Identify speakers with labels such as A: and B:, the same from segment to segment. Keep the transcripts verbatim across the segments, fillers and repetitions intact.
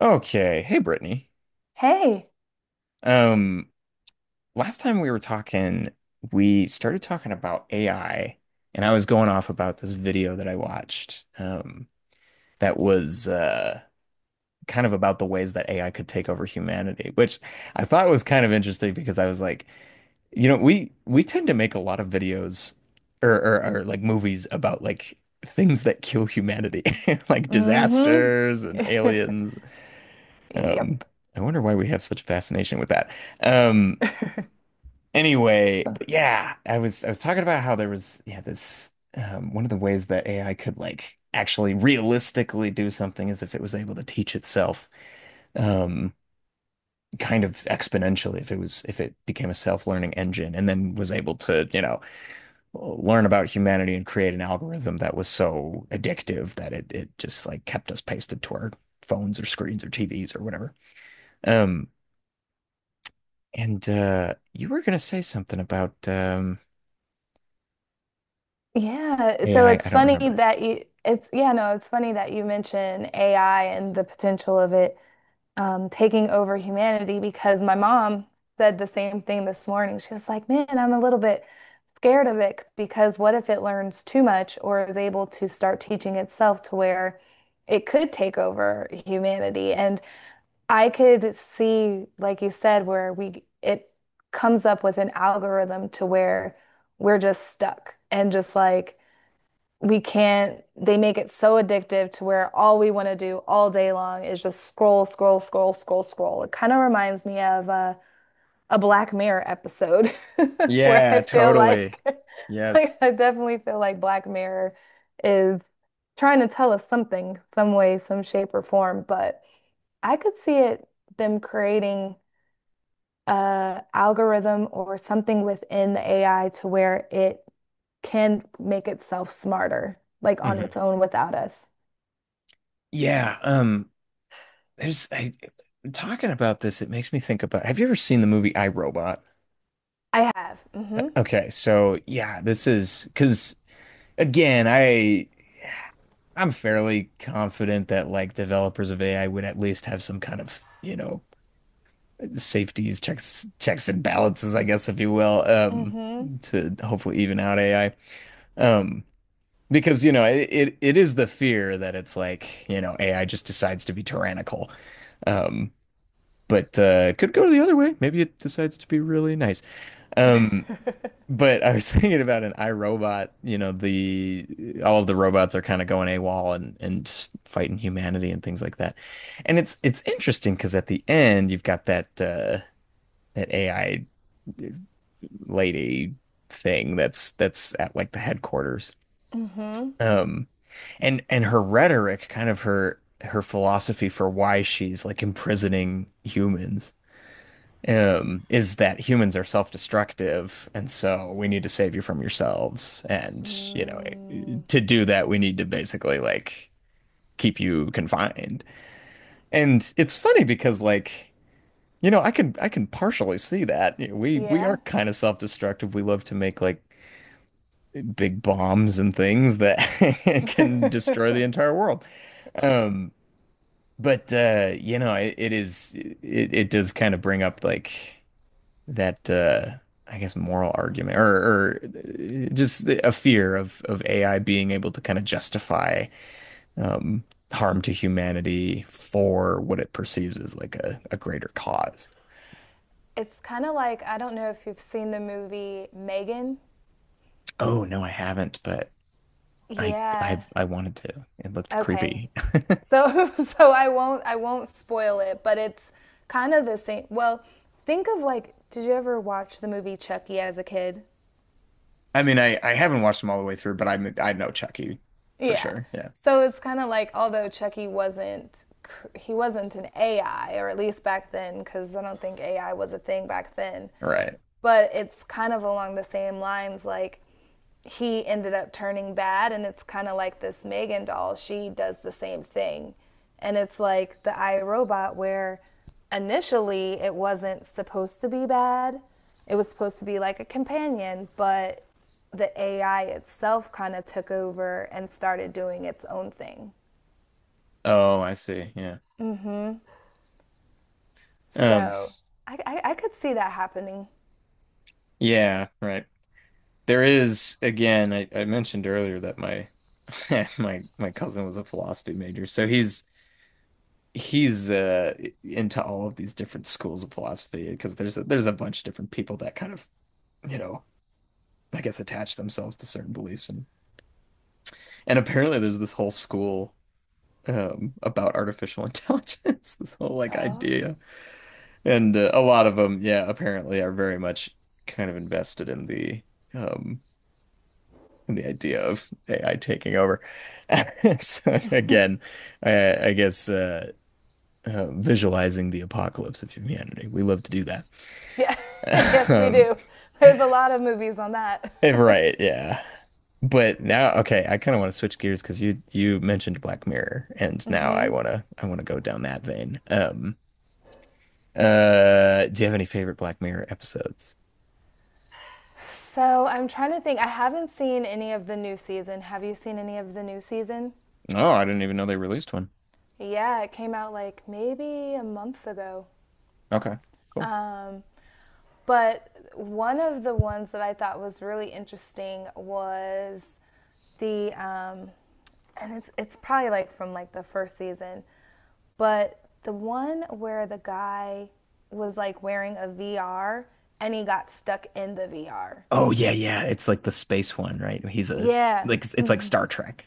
A: Okay. Hey, Brittany.
B: Hey.
A: Um, Last time we were talking, we started talking about A I, and I was going off about this video that I watched, um, that was uh kind of about the ways that A I could take over humanity, which I thought was kind of interesting because I was like, you know, we we tend to make a lot of videos or or, or like movies about like things that kill humanity, like
B: Mm-hmm.
A: disasters and aliens. Um,
B: Yep.
A: I wonder why we have such a fascination with that. Um, anyway, but yeah, I was I was talking about how there was, yeah, this, um, one of the ways that A I could like actually realistically do something is if it was able to teach itself, um, kind of exponentially, if it was, if it became a self-learning engine and then was able to, you know, learn about humanity and create an algorithm that was so addictive that it it just like kept us pasted to our phones or screens or T Vs or whatever. Um, And uh, you were gonna say something about, um,
B: Yeah, so
A: A I. I I
B: it's
A: don't
B: funny
A: remember.
B: that you it's yeah, no, it's funny that you mention A I and the potential of it um, taking over humanity because my mom said the same thing this morning. She was like, "Man, I'm a little bit scared of it because what if it learns too much or is able to start teaching itself to where it could take over humanity?" And I could see, like you said, where we it comes up with an algorithm to where we're just stuck and just like we can't, they make it so addictive to where all we want to do all day long is just scroll, scroll, scroll, scroll, scroll. It kind of reminds me of uh, a Black Mirror episode where I
A: Yeah,
B: feel
A: totally.
B: like, like
A: Yes.
B: I definitely feel like Black Mirror is trying to tell us something, some way, some shape or form. But. I could see it them creating a algorithm or something within the A I to where it can make itself smarter, like on its
A: Hmm.
B: own without us.
A: Yeah. Um. There's I talking about this. It makes me think about, have you ever seen the movie I, Robot?
B: I have.
A: Uh,
B: Mm-hmm.
A: Okay. So yeah, this is because, again, I I'm fairly confident that like developers of A I would at least have some kind of, you know, safeties, checks, checks and balances, I guess, if you will, um,
B: Mm-hmm.
A: to hopefully even out A I. Um, because, you know, it, it, it is the fear that it's like, you know, A I just decides to be tyrannical. Um, but uh, it could go the other way. Maybe it decides to be really nice. Um, but I was thinking about an iRobot, you know, the all of the robots are kind of going AWOL and and fighting humanity and things like that. And it's it's interesting because at the end you've got that uh an A I lady thing that's that's at like the headquarters.
B: Mm-hmm.
A: Um, and and her rhetoric, kind of her her philosophy for why she's like imprisoning humans, um, is that humans are self-destructive, and so we need to save you from yourselves. And, you know,
B: Mm,
A: to do that, we need to basically like keep you confined. And it's funny because like, you know, I can I can partially see that. We we are
B: yeah.
A: kind of self-destructive. We love to make like big bombs and things that can destroy the entire world. Um, but uh, you know, it, it is it, it does kind of bring up like that uh I guess moral argument, or or uh, just a fear of of A I being able to kind of justify, um harm to humanity for what it perceives as like a, a greater cause.
B: It's kind of like, I don't know if you've seen the movie Megan.
A: Oh, no, I haven't, but I
B: Yeah.
A: I've I wanted to. It looked
B: Okay.
A: creepy.
B: So so I won't I won't spoil it, but it's kind of the same. Well, think of like, did you ever watch the movie Chucky as a kid?
A: I mean, I I haven't watched them all the way through, but I I know Chucky for
B: Yeah.
A: sure. Yeah.
B: So it's kind of like, although Chucky wasn't cr- he wasn't an A I, or at least back then, cuz I don't think A I was a thing back then.
A: Right.
B: But it's kind of along the same lines, like he ended up turning bad, and it's kind of like this Megan doll, she does the same thing, and it's like the iRobot, where initially it wasn't supposed to be bad, it was supposed to be like a companion, but the A I itself kind of took over and started doing its own thing.
A: Oh, I see. Yeah. Um.
B: So I, I, I could see that happening.
A: Yeah. Right. There is, again, I I mentioned earlier that my my my cousin was a philosophy major, so he's he's uh into all of these different schools of philosophy because there's a, there's a bunch of different people that kind of, you know, I guess attach themselves to certain beliefs, and and apparently there's this whole school, um about artificial intelligence, this whole like
B: Oh,
A: idea. And uh, a lot of them, yeah, apparently are very much kind of invested in the, um in the idea of A I taking over. So again, I, I guess uh, uh visualizing the apocalypse of humanity, we love to do
B: yeah.
A: that.
B: Yes, we
A: um
B: do. There's a lot of movies on that.
A: eh, right yeah But now, okay, I kind of want to switch gears because you you mentioned Black Mirror and now I want to I want to go down that vein. Um Uh, do you have any favorite Black Mirror episodes?
B: So I'm trying to think. I haven't seen any of the new season. Have you seen any of the new season?
A: Oh, I didn't even know they released one.
B: Yeah, it came out like maybe a month ago.
A: Okay, cool.
B: Um, but one of the ones that I thought was really interesting was the, um, and it's it's probably like from like the first season, but the one where the guy was like wearing a V R and he got stuck in the V R.
A: Oh yeah, yeah. It's like the space one, right? He's a
B: Yeah,
A: Like it's it's like Star Trek.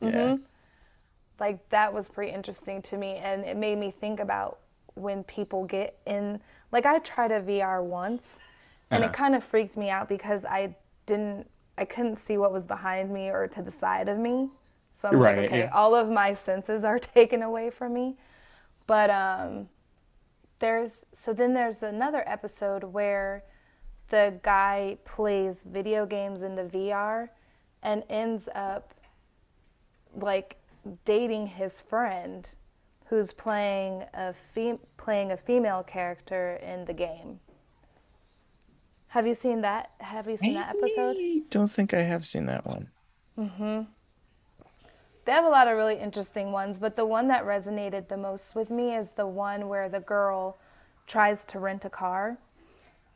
A: Yeah.
B: like that was pretty interesting to me, and it made me think about when people get in. Like I tried a V R once, and it
A: Uh-huh.
B: kind of freaked me out because I didn't, I couldn't see what was behind me or to the side of me. So I'm like,
A: Right,
B: okay,
A: yeah.
B: all of my senses are taken away from me. But um, there's so then there's another episode where the guy plays video games in the V R and ends up like dating his friend who's playing a fem- playing a female character in the game. Have you seen that? Have you seen that episode?
A: I don't think I have seen that one.
B: They have a lot of really interesting ones, but the one that resonated the most with me is the one where the girl tries to rent a car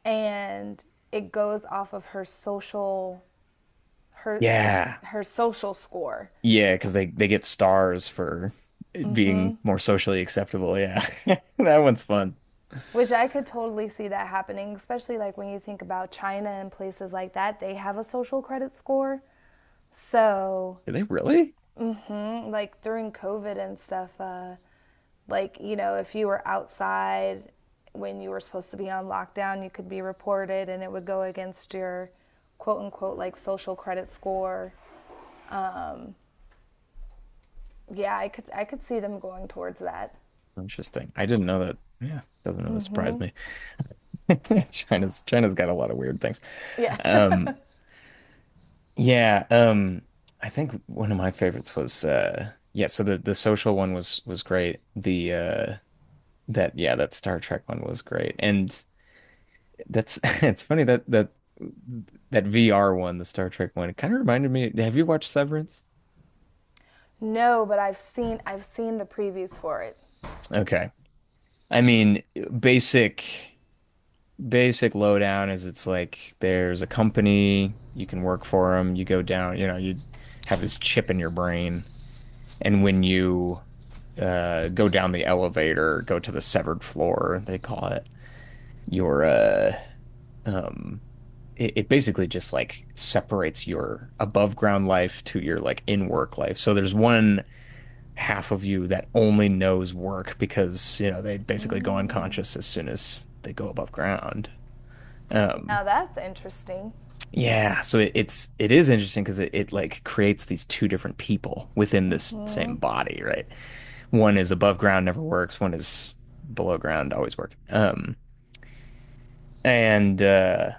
B: and it goes off of her social her
A: Yeah.
B: her social score,
A: Yeah, because they they get stars for it being more socially acceptable. Yeah. That one's fun.
B: which I could totally see that happening, especially like when you think about China and places like that, they have a social credit score. So,
A: Did they really?
B: mm, like during COVID and stuff, uh, like, you know, if you were outside when you were supposed to be on lockdown, you could be reported and it would go against your quote unquote like social credit score. Yeah, I could I could see them going towards that.
A: Interesting. I didn't know that. Yeah, doesn't really surprise me. China's China's got a lot of weird things.
B: Yeah.
A: Um, Yeah, um, I think one of my favorites was, uh yeah, so the the social one was was great. The uh that yeah, that Star Trek one was great. And that's it's funny that that that V R one, the Star Trek one, it kind of reminded me, have you watched Severance?
B: No, but I've seen I've seen the previews for it.
A: Okay. I mean, basic basic lowdown is it's like there's a company, you can work for them, you go down, you know, you have this chip in your brain, and when you uh, go down the elevator, go to the severed floor, they call it. Your uh, um, it, it basically just like separates your above ground life to your like in work life. So there's one half of you that only knows work because, you know, they basically go
B: Mm.
A: unconscious as soon as they go above ground. Um,
B: Now that's interesting.
A: yeah, so it, it's it is interesting because it, it like creates these two different people within this same
B: Mhm.
A: body, right? One is above ground, never works. One is below ground, always worked. Um, and uh,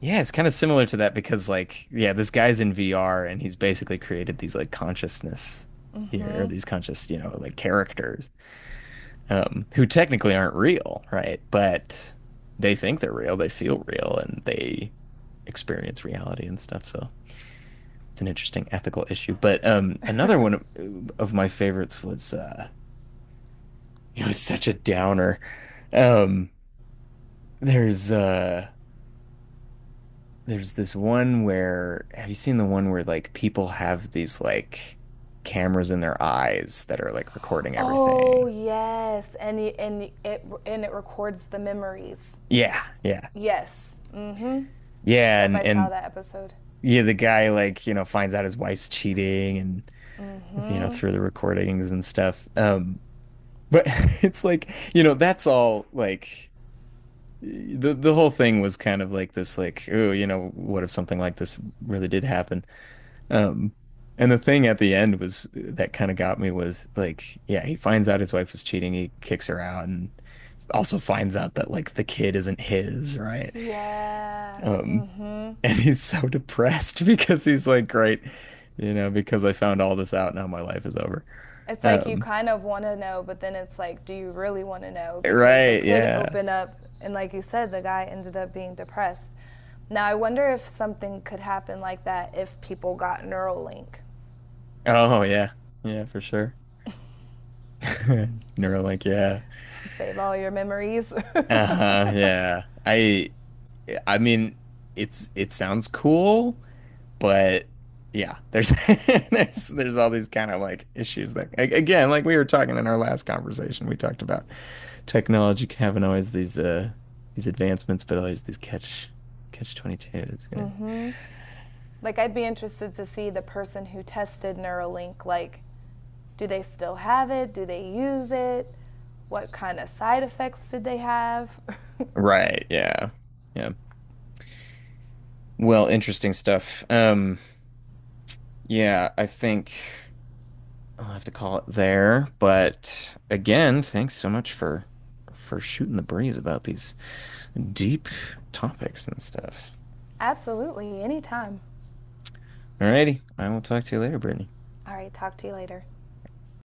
A: yeah, it's kind of similar to that because, like, yeah, this guy's in V R and he's basically created these like consciousness here, or
B: Mhm.
A: these conscious, you know, like characters, um, who technically aren't real, right? But they think they're real, they feel real, and they experience reality and stuff. So it's an interesting ethical issue. But, um, another one of, of my favorites was, uh, it was such a downer. Um, There's uh there's this one where, have you seen the one where like people have these like cameras in their eyes that are like recording
B: Oh
A: everything?
B: yes, and y- and y- it and it records the memories.
A: Yeah, yeah.
B: Yes. Mm-hmm.
A: Yeah,
B: Yep,
A: and
B: I saw
A: and
B: that episode.
A: yeah, the guy like, you know, finds out his wife's cheating and, you know,
B: Mm-hmm.
A: through the recordings and stuff. Um but It's like, you know, that's all like the the whole thing was kind of like this, like, oh, you know, what if something like this really did happen? Um, and the thing at the end was, that kind of got me was like, yeah, he finds out his wife was cheating, he kicks her out, and also finds out that like the kid isn't his, right?
B: Yeah.
A: Um,
B: Mm-hmm.
A: and he's so depressed because he's like, great, you know, because I found all this out, now my life is over.
B: It's like you
A: Um,
B: kind of want to know, but then it's like, do you really want to know? Because it
A: right,
B: could
A: yeah.
B: open up, and like you said, the guy ended up being depressed. Now I wonder if something could happen like that if people got Neuralink.
A: Oh, yeah. Yeah, for sure. Neuro, like, yeah.
B: Save all your memories.
A: Uh-huh, yeah. I I mean, it's, it sounds cool. But, yeah, there's there's there's all these kind of like issues that, again, like we were talking in our last conversation, we talked about technology having always these uh these advancements, but always these catch catch twenty-two s, you know.
B: Like I'd be interested to see the person who tested Neuralink, like, do they still have it? Do they use it? What kind of side effects did they have?
A: Right, yeah. Yeah. Well, interesting stuff. Um, yeah, I think I'll have to call it there, but again, thanks so much for for shooting the breeze about these deep topics and stuff.
B: Absolutely, anytime.
A: Alrighty, I will talk to you later, Brittany.
B: All right, talk to you later.